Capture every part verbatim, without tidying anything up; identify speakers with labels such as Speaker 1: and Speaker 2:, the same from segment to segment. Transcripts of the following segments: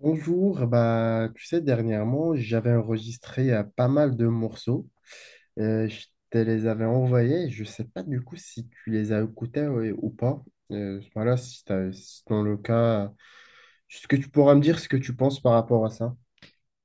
Speaker 1: Bonjour, bah, tu sais, dernièrement, j'avais enregistré euh, pas mal de morceaux. Euh, je te les avais envoyés. Je sais pas du coup si tu les as écoutés euh, ou pas. Euh, voilà, si t'as- si dans le cas, euh, est-ce que tu pourras me dire ce que tu penses par rapport à ça?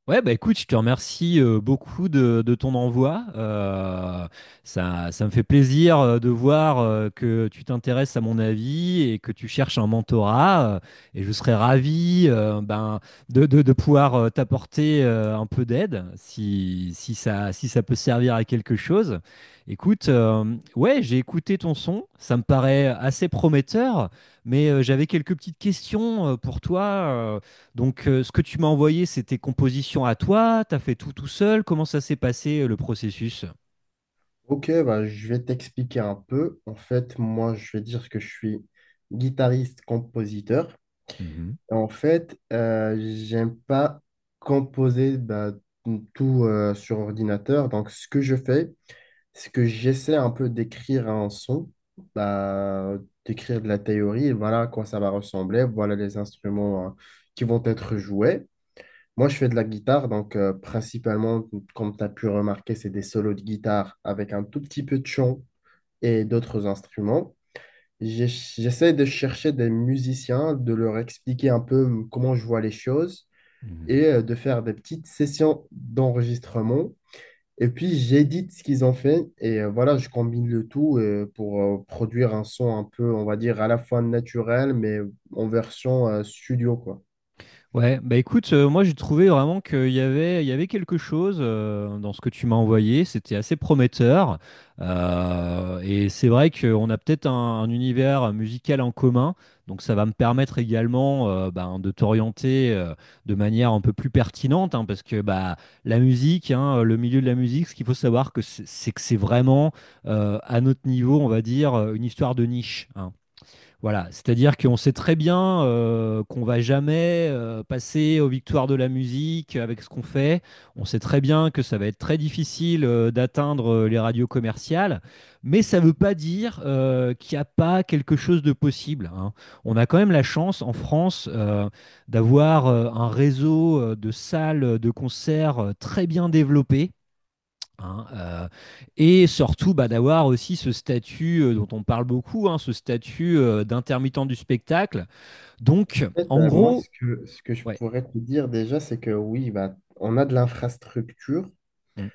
Speaker 2: Ouais, bah écoute, je te remercie euh, beaucoup de, de ton envoi. Euh, ça, ça me fait plaisir euh, de voir euh, que tu t'intéresses à mon avis et que tu cherches un mentorat. euh, et je serais ravi euh, ben, de, de- de pouvoir euh, t'apporter euh, un peu d'aide si, si ça, si ça peut servir à quelque chose. Écoute, euh, ouais, j'ai écouté ton son, ça me paraît assez prometteur, mais euh, j'avais quelques petites questions euh, pour toi. euh, donc, euh, ce que tu m'as envoyé, c'est tes compositions à toi, tu as fait tout tout seul. Comment ça s'est passé euh, le processus?
Speaker 1: Ok, bah, je vais t'expliquer un peu. En fait, moi, je vais dire que je suis guitariste-compositeur.
Speaker 2: Mhm.
Speaker 1: En fait, euh, j'aime pas composer bah, tout euh, sur ordinateur. Donc, ce que je fais, ce que j'essaie un peu d'écrire un son, bah, d'écrire de la théorie, voilà à quoi ça va ressembler, voilà les instruments hein, qui vont être joués. Moi, je fais de la guitare, donc euh, principalement, comme tu as pu remarquer, c'est des solos de guitare avec un tout petit peu de chant et d'autres instruments. J'ai- J'essaie de chercher des musiciens, de leur expliquer un peu comment je vois les choses
Speaker 2: Mhm.
Speaker 1: et euh, de faire des petites sessions d'enregistrement et puis j'édite ce qu'ils ont fait et euh, voilà, je combine le tout euh, pour euh, produire un son un peu, on va dire, à la fois naturel, mais en version euh, studio, quoi.
Speaker 2: Ouais, bah écoute, euh, moi j'ai trouvé vraiment qu'il y avait, il y avait quelque chose euh, dans ce que tu m'as envoyé, c'était assez prometteur. Euh, et c'est vrai qu'on a peut-être un, un univers musical en commun, donc ça va me permettre également euh, ben, de t'orienter euh, de manière un peu plus pertinente, hein, parce que bah, la musique, hein, le milieu de la musique, ce qu'il faut savoir, que c'est c'est que c'est vraiment euh, à notre niveau, on va dire, une histoire de niche, hein. Voilà, c'est-à-dire qu'on sait très bien euh, qu'on va jamais euh, passer aux victoires de la musique avec ce qu'on fait. On sait très bien que ça va être très difficile euh, d'atteindre euh, les radios commerciales, mais ça ne veut pas dire euh, qu'il n'y a pas quelque chose de possible, hein. On a quand même la chance en France euh, d'avoir euh, un réseau euh, de salles de concert euh, très bien développé, hein, euh, et surtout bah, d'avoir aussi ce statut euh, dont on parle beaucoup, hein, ce statut euh, d'intermittent du spectacle.
Speaker 1: En
Speaker 2: Donc,
Speaker 1: fait,
Speaker 2: en
Speaker 1: euh, moi, ce
Speaker 2: gros,
Speaker 1: que, ce que je
Speaker 2: ouais.
Speaker 1: pourrais te dire déjà, c'est que oui, bah, on a de l'infrastructure.
Speaker 2: Mm.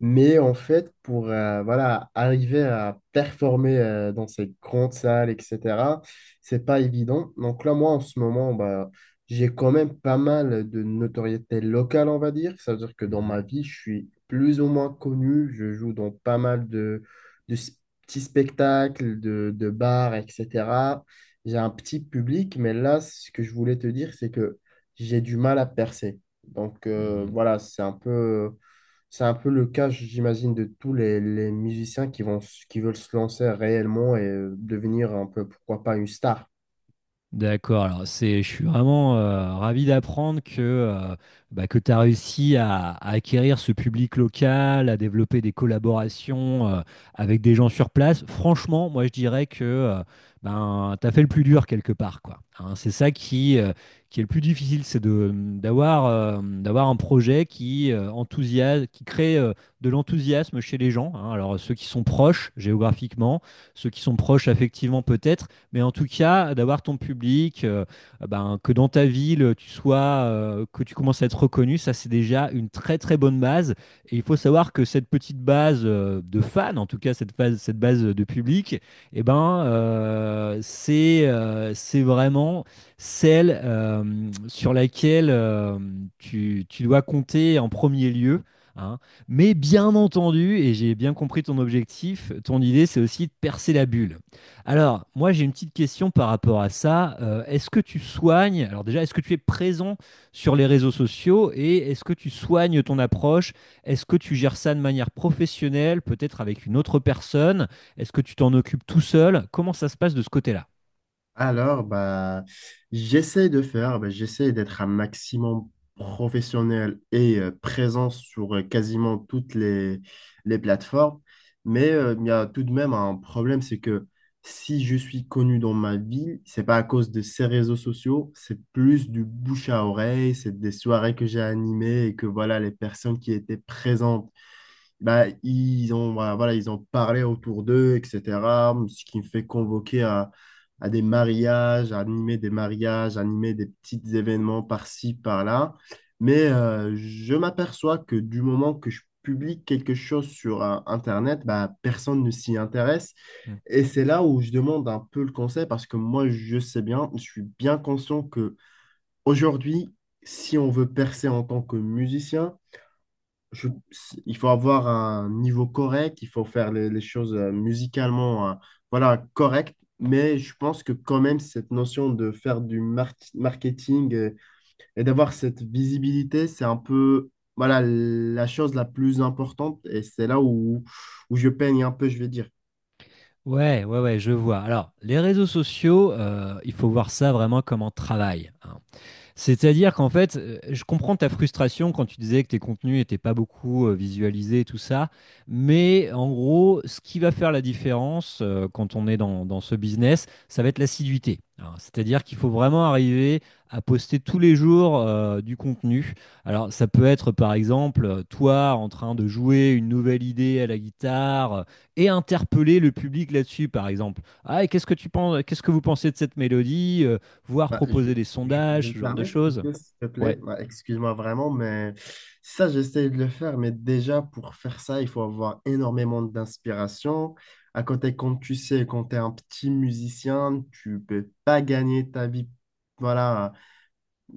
Speaker 1: Mais en fait, pour euh, voilà, arriver à performer euh, dans ces grandes salles, et cétéra, c'est pas évident. Donc là, moi, en ce moment, bah, j'ai quand même pas mal de notoriété locale, on va dire. Ça veut dire que dans ma
Speaker 2: Mhm.
Speaker 1: vie, je suis plus ou moins connu. Je joue dans pas mal de, de s- petits spectacles, de, de bars, et cétéra. J'ai un petit public, mais là, ce que je voulais te dire, c'est que j'ai du mal à percer. Donc euh,
Speaker 2: Mhm.
Speaker 1: voilà, c'est un peu... C'est un peu le cas, j'imagine, de tous les, les musiciens qui vont, qui veulent se lancer réellement et euh, devenir un peu, pourquoi pas, une star.
Speaker 2: D'accord, alors c'est, je suis vraiment euh, ravi d'apprendre que, euh, bah, que tu as réussi à, à acquérir ce public local, à développer des collaborations euh, avec des gens sur place. Franchement, moi je dirais que euh, ben, tu as fait le plus dur quelque part, quoi. Hein, c'est ça qui, euh, qui est le plus difficile, c'est de, d'avoir, euh, d'avoir un projet qui, euh, enthousiasme, qui crée euh, de l'enthousiasme chez les gens, hein. Alors ceux qui sont proches géographiquement, ceux qui sont proches affectivement peut-être, mais en tout cas, d'avoir ton public, euh, ben, que dans ta ville, tu sois, euh, que tu commences à être reconnu, ça c'est déjà une très très bonne base. Et il faut savoir que cette petite base euh, de fans, en tout cas cette base, cette base de public, eh ben, euh, c'est euh, c'est vraiment celle euh, sur laquelle euh, tu, tu dois compter en premier lieu, hein. Mais bien entendu, et j'ai bien compris ton objectif, ton idée, c'est aussi de percer la bulle. Alors, moi, j'ai une petite question par rapport à ça. Euh, est-ce que tu soignes, alors déjà, est-ce que tu es présent sur les réseaux sociaux et est-ce que tu soignes ton approche? Est-ce que tu gères ça de manière professionnelle, peut-être avec une autre personne? Est-ce que tu t'en occupes tout seul? Comment ça se passe de ce côté-là?
Speaker 1: Alors, bah, j'essaie de faire, bah, j'essaie d'être un maximum professionnel et euh, présent sur euh, quasiment toutes les, les plateformes. Mais euh, il y a tout de même un problème, c'est que si je suis connu dans ma ville, c'est pas à cause de ces réseaux sociaux, c'est plus du bouche à oreille, c'est des soirées que j'ai animées et que voilà, les personnes qui étaient présentes bah, ils ont, bah, voilà, ils ont parlé autour d'eux, et cétéra. Ce qui me fait convoquer à, à des mariages, à animer des mariages, à animer des petits événements par-ci, par-là. Mais euh, je m'aperçois que du moment que je publie quelque chose sur euh, Internet, bah, personne ne s'y intéresse.
Speaker 2: Hmm.
Speaker 1: Et c'est là où je demande un peu le conseil parce que moi, je sais bien, je suis bien conscient que aujourd'hui, si on veut percer en tant que musicien, je- il faut avoir un niveau correct, il faut faire les, les choses euh, musicalement, euh, voilà, correct. Mais je pense que quand même, cette notion de faire du mar- marketing euh, et, d'avoir cette visibilité, c'est un peu, voilà, la chose la plus importante. Et c'est là où, où je peigne un peu, je vais dire.
Speaker 2: Ouais, ouais, ouais, je vois. Alors, les réseaux sociaux, euh, il faut voir ça vraiment comme un travail, hein. C'est-à-dire qu'en fait, euh, je comprends ta frustration quand tu disais que tes contenus n'étaient pas beaucoup euh, visualisés, et tout ça. Mais en gros, ce qui va faire la différence euh, quand on est dans, dans ce business, ça va être l'assiduité. Alors, c'est-à-dire qu'il faut vraiment arriver à poster tous les jours euh, du contenu. Alors, ça peut être par exemple euh, toi en train de jouer une nouvelle idée à la guitare euh, et interpeller le public là-dessus, par exemple. Ah, et qu'est-ce que tu penses, qu'est-ce que vous pensez de cette mélodie? Euh, voire
Speaker 1: Bah, je,
Speaker 2: proposer des
Speaker 1: je- je
Speaker 2: sondages,
Speaker 1: me
Speaker 2: ce genre de
Speaker 1: permets de
Speaker 2: choses.
Speaker 1: couper, s'il te
Speaker 2: Ouais.
Speaker 1: plaît. Bah, excuse-moi vraiment, mais ça, j'essaie de le faire. Mais déjà, pour faire ça, il faut avoir énormément d'inspiration. À côté, comme tu sais, quand tu es un petit musicien, tu peux pas gagner ta vie. Voilà,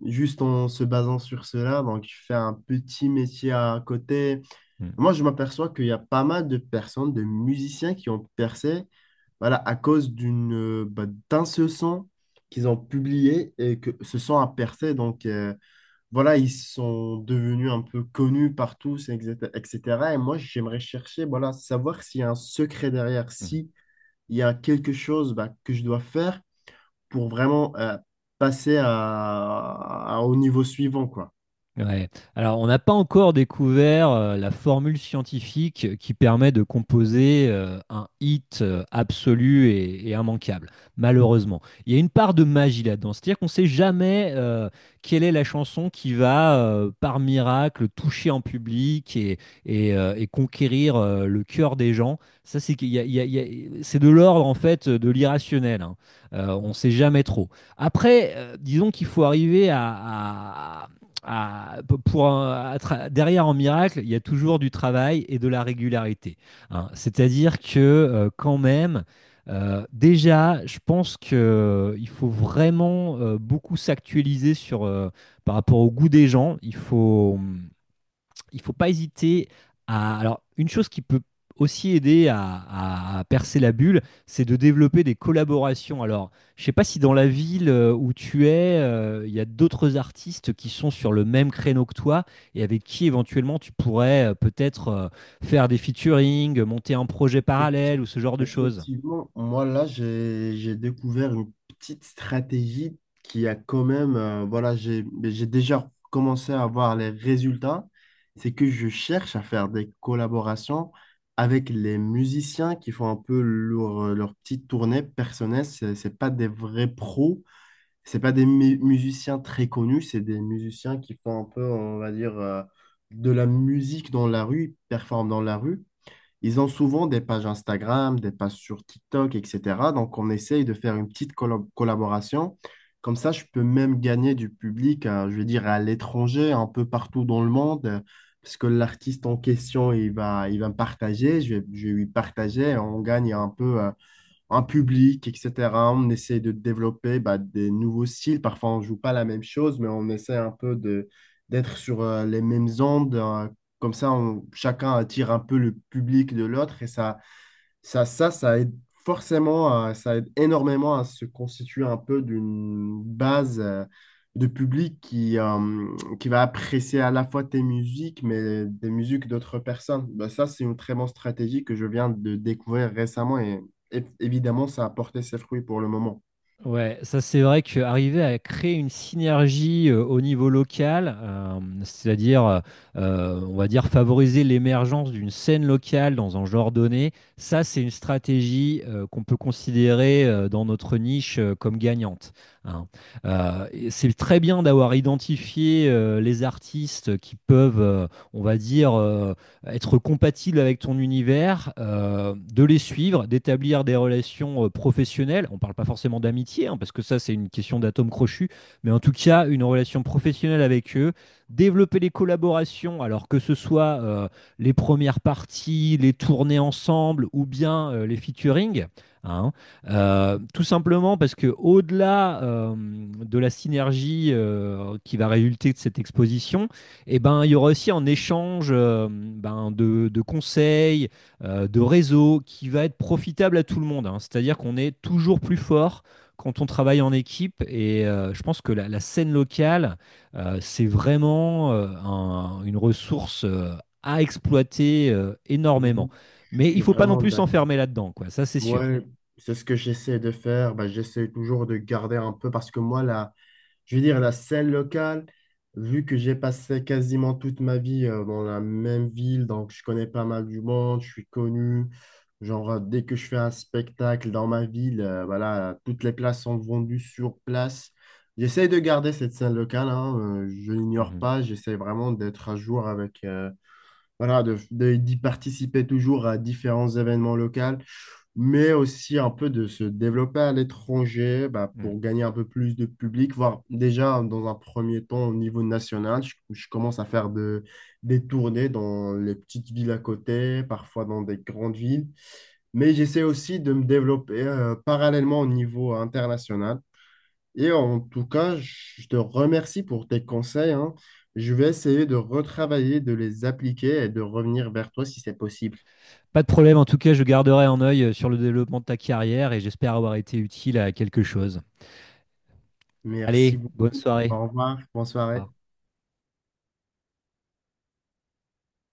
Speaker 1: juste en se basant sur cela. Donc, tu fais un petit métier à côté.
Speaker 2: Mm.
Speaker 1: Moi, je m'aperçois qu'il y a pas mal de personnes, de musiciens qui ont percé, voilà, à cause d'une, euh, bah, d'un seul son qu'ils ont publié et que ce son a percé. Donc, euh, voilà, ils sont devenus un peu connus par tous, et cétéra et cétéra. Et cetera. Et moi, j'aimerais chercher, voilà, savoir s'il y a un secret derrière,
Speaker 2: Mm.
Speaker 1: si il y a quelque chose, bah, que je dois faire pour vraiment, euh, passer à, à- au niveau suivant, quoi.
Speaker 2: Ouais. Alors, on n'a pas encore découvert euh, la formule scientifique qui permet de composer euh, un hit euh, absolu et, et immanquable, malheureusement. Il y a une part de magie là-dedans, c'est-à-dire qu'on ne sait jamais euh, quelle est la chanson qui va, euh, par miracle, toucher en public et, et, euh, et conquérir euh, le cœur des gens. Ça, c'est qu'il y a- il y a- il y a- c'est de l'ordre, en fait, de l'irrationnel, hein. Euh, on ne sait jamais trop. Après, euh, disons qu'il faut arriver à, à- à, pour un, à derrière en miracle, il y a toujours du travail et de la régularité. Hein. C'est-à-dire que euh, quand même, euh, déjà, je pense qu'il faut vraiment euh, beaucoup s'actualiser sur, euh, par rapport au goût des gens. Il faut, hum, il ne faut pas hésiter à. Alors, une chose qui peut aussi aider à, à percer la bulle, c'est de développer des collaborations. Alors, je ne sais pas si dans la ville euh, où tu es, euh, il y a d'autres artistes qui sont sur le même créneau que toi et avec qui éventuellement tu pourrais euh, peut-être euh, faire des featuring, monter un projet
Speaker 1: Effecti-
Speaker 2: parallèle ou ce genre de choses.
Speaker 1: Effectivement, moi là, j'ai j'ai découvert une petite stratégie qui a quand même, euh, voilà, j'ai mais j'ai déjà commencé à voir les résultats. C'est que je cherche à faire des collaborations avec les musiciens qui font un peu leur, euh, leur petite tournée personnelle. C'est c'est pas des vrais pros, c'est pas des mu- musiciens très connus, c'est des musiciens qui font un peu, on va dire, euh, de la musique dans la rue, ils performent dans la rue. Ils ont souvent des pages Instagram, des pages sur TikTok, et cétéra. Donc, on essaye de faire une petite collab- collaboration. Comme ça, je peux même gagner du public, euh, je veux dire, à l'étranger, un peu partout dans le monde, euh, parce que l'artiste en question, il va, il va me partager, je vais, je vais lui partager, on gagne un peu euh, un public, et cétéra. On essaie de développer bah, des nouveaux styles. Parfois, on ne joue pas la même chose, mais on essaie un peu de d'être sur euh, les mêmes ondes. Euh, comme ça, on- chacun attire un peu le public de l'autre et ça, ça, ça, ça aide forcément, à- ça aide énormément à se constituer un peu d'une base euh, de public qui, euh, qui va apprécier à la fois tes musiques, mais des musiques d'autres personnes. Bah, ça, c'est une très bonne stratégie que je viens de découvrir récemment et, et évidemment, ça a porté ses fruits pour le moment.
Speaker 2: Ouais, ça c'est vrai qu'arriver à créer une synergie euh, au niveau local, euh, c'est-à-dire, euh, euh, on va dire, favoriser l'émergence d'une scène locale dans un genre donné, ça c'est une stratégie euh, qu'on peut considérer euh, dans notre niche euh, comme gagnante, hein. Euh, et c'est très bien d'avoir identifié euh, les artistes qui peuvent, euh, on va dire, euh, être compatible avec ton univers, euh, de les suivre, d'établir des relations euh, professionnelles. On ne parle pas forcément d'amitié, hein, parce que ça, c'est une question d'atome crochu, mais en tout cas, une relation professionnelle avec eux, développer les collaborations, alors que ce soit euh, les premières parties, les tournées ensemble ou bien euh, les featuring, hein. Euh, tout simplement parce que au-delà euh, de la synergie euh, qui va résulter de cette exposition, et ben, il y aura aussi un échange euh, ben, de, de conseils, euh, de réseaux qui va être profitable à tout le monde, hein. C'est-à-dire qu'on est toujours plus fort quand on travaille en équipe. Et euh, je pense que la, la scène locale, euh, c'est vraiment euh, un- une ressource euh, à exploiter euh, énormément.
Speaker 1: Oui, je
Speaker 2: Mais
Speaker 1: suis
Speaker 2: il faut pas non
Speaker 1: vraiment
Speaker 2: plus
Speaker 1: d'accord.
Speaker 2: s'enfermer là-dedans, quoi. Ça, c'est sûr.
Speaker 1: Ouais, c'est ce que j'essaie de faire. Bah, j'essaie toujours de garder un peu parce que moi, la, je veux dire, la scène locale, vu que j'ai passé quasiment toute ma vie euh, dans la même ville, donc je connais pas mal du monde, je suis connu. Genre, euh, dès que je fais un spectacle dans ma ville, euh, voilà, toutes les places sont vendues sur place. J'essaie de garder cette scène locale, hein, euh, je l'ignore
Speaker 2: Mhm.
Speaker 1: pas, j'essaie vraiment d'être à jour avec, euh, voilà, de, de- d'y participer toujours à différents événements locaux, mais aussi un peu de se développer à l'étranger bah,
Speaker 2: Mhm.
Speaker 1: pour gagner un peu plus de public, voire déjà dans un premier temps au niveau national. Je, je commence à faire de, des tournées dans les petites villes à côté, parfois dans des grandes villes, mais j'essaie aussi de me développer euh, parallèlement au niveau international. Et en tout cas, je te remercie pour tes conseils, hein. Je vais essayer de retravailler, de les appliquer et de revenir vers toi si c'est possible.
Speaker 2: Pas de problème. En tout cas, je garderai un œil euh, sur le développement de ta carrière et j'espère avoir été utile à quelque chose. Allez,
Speaker 1: Merci
Speaker 2: bonne
Speaker 1: beaucoup.
Speaker 2: soirée.
Speaker 1: Au revoir. Bonne soirée.
Speaker 2: Pas.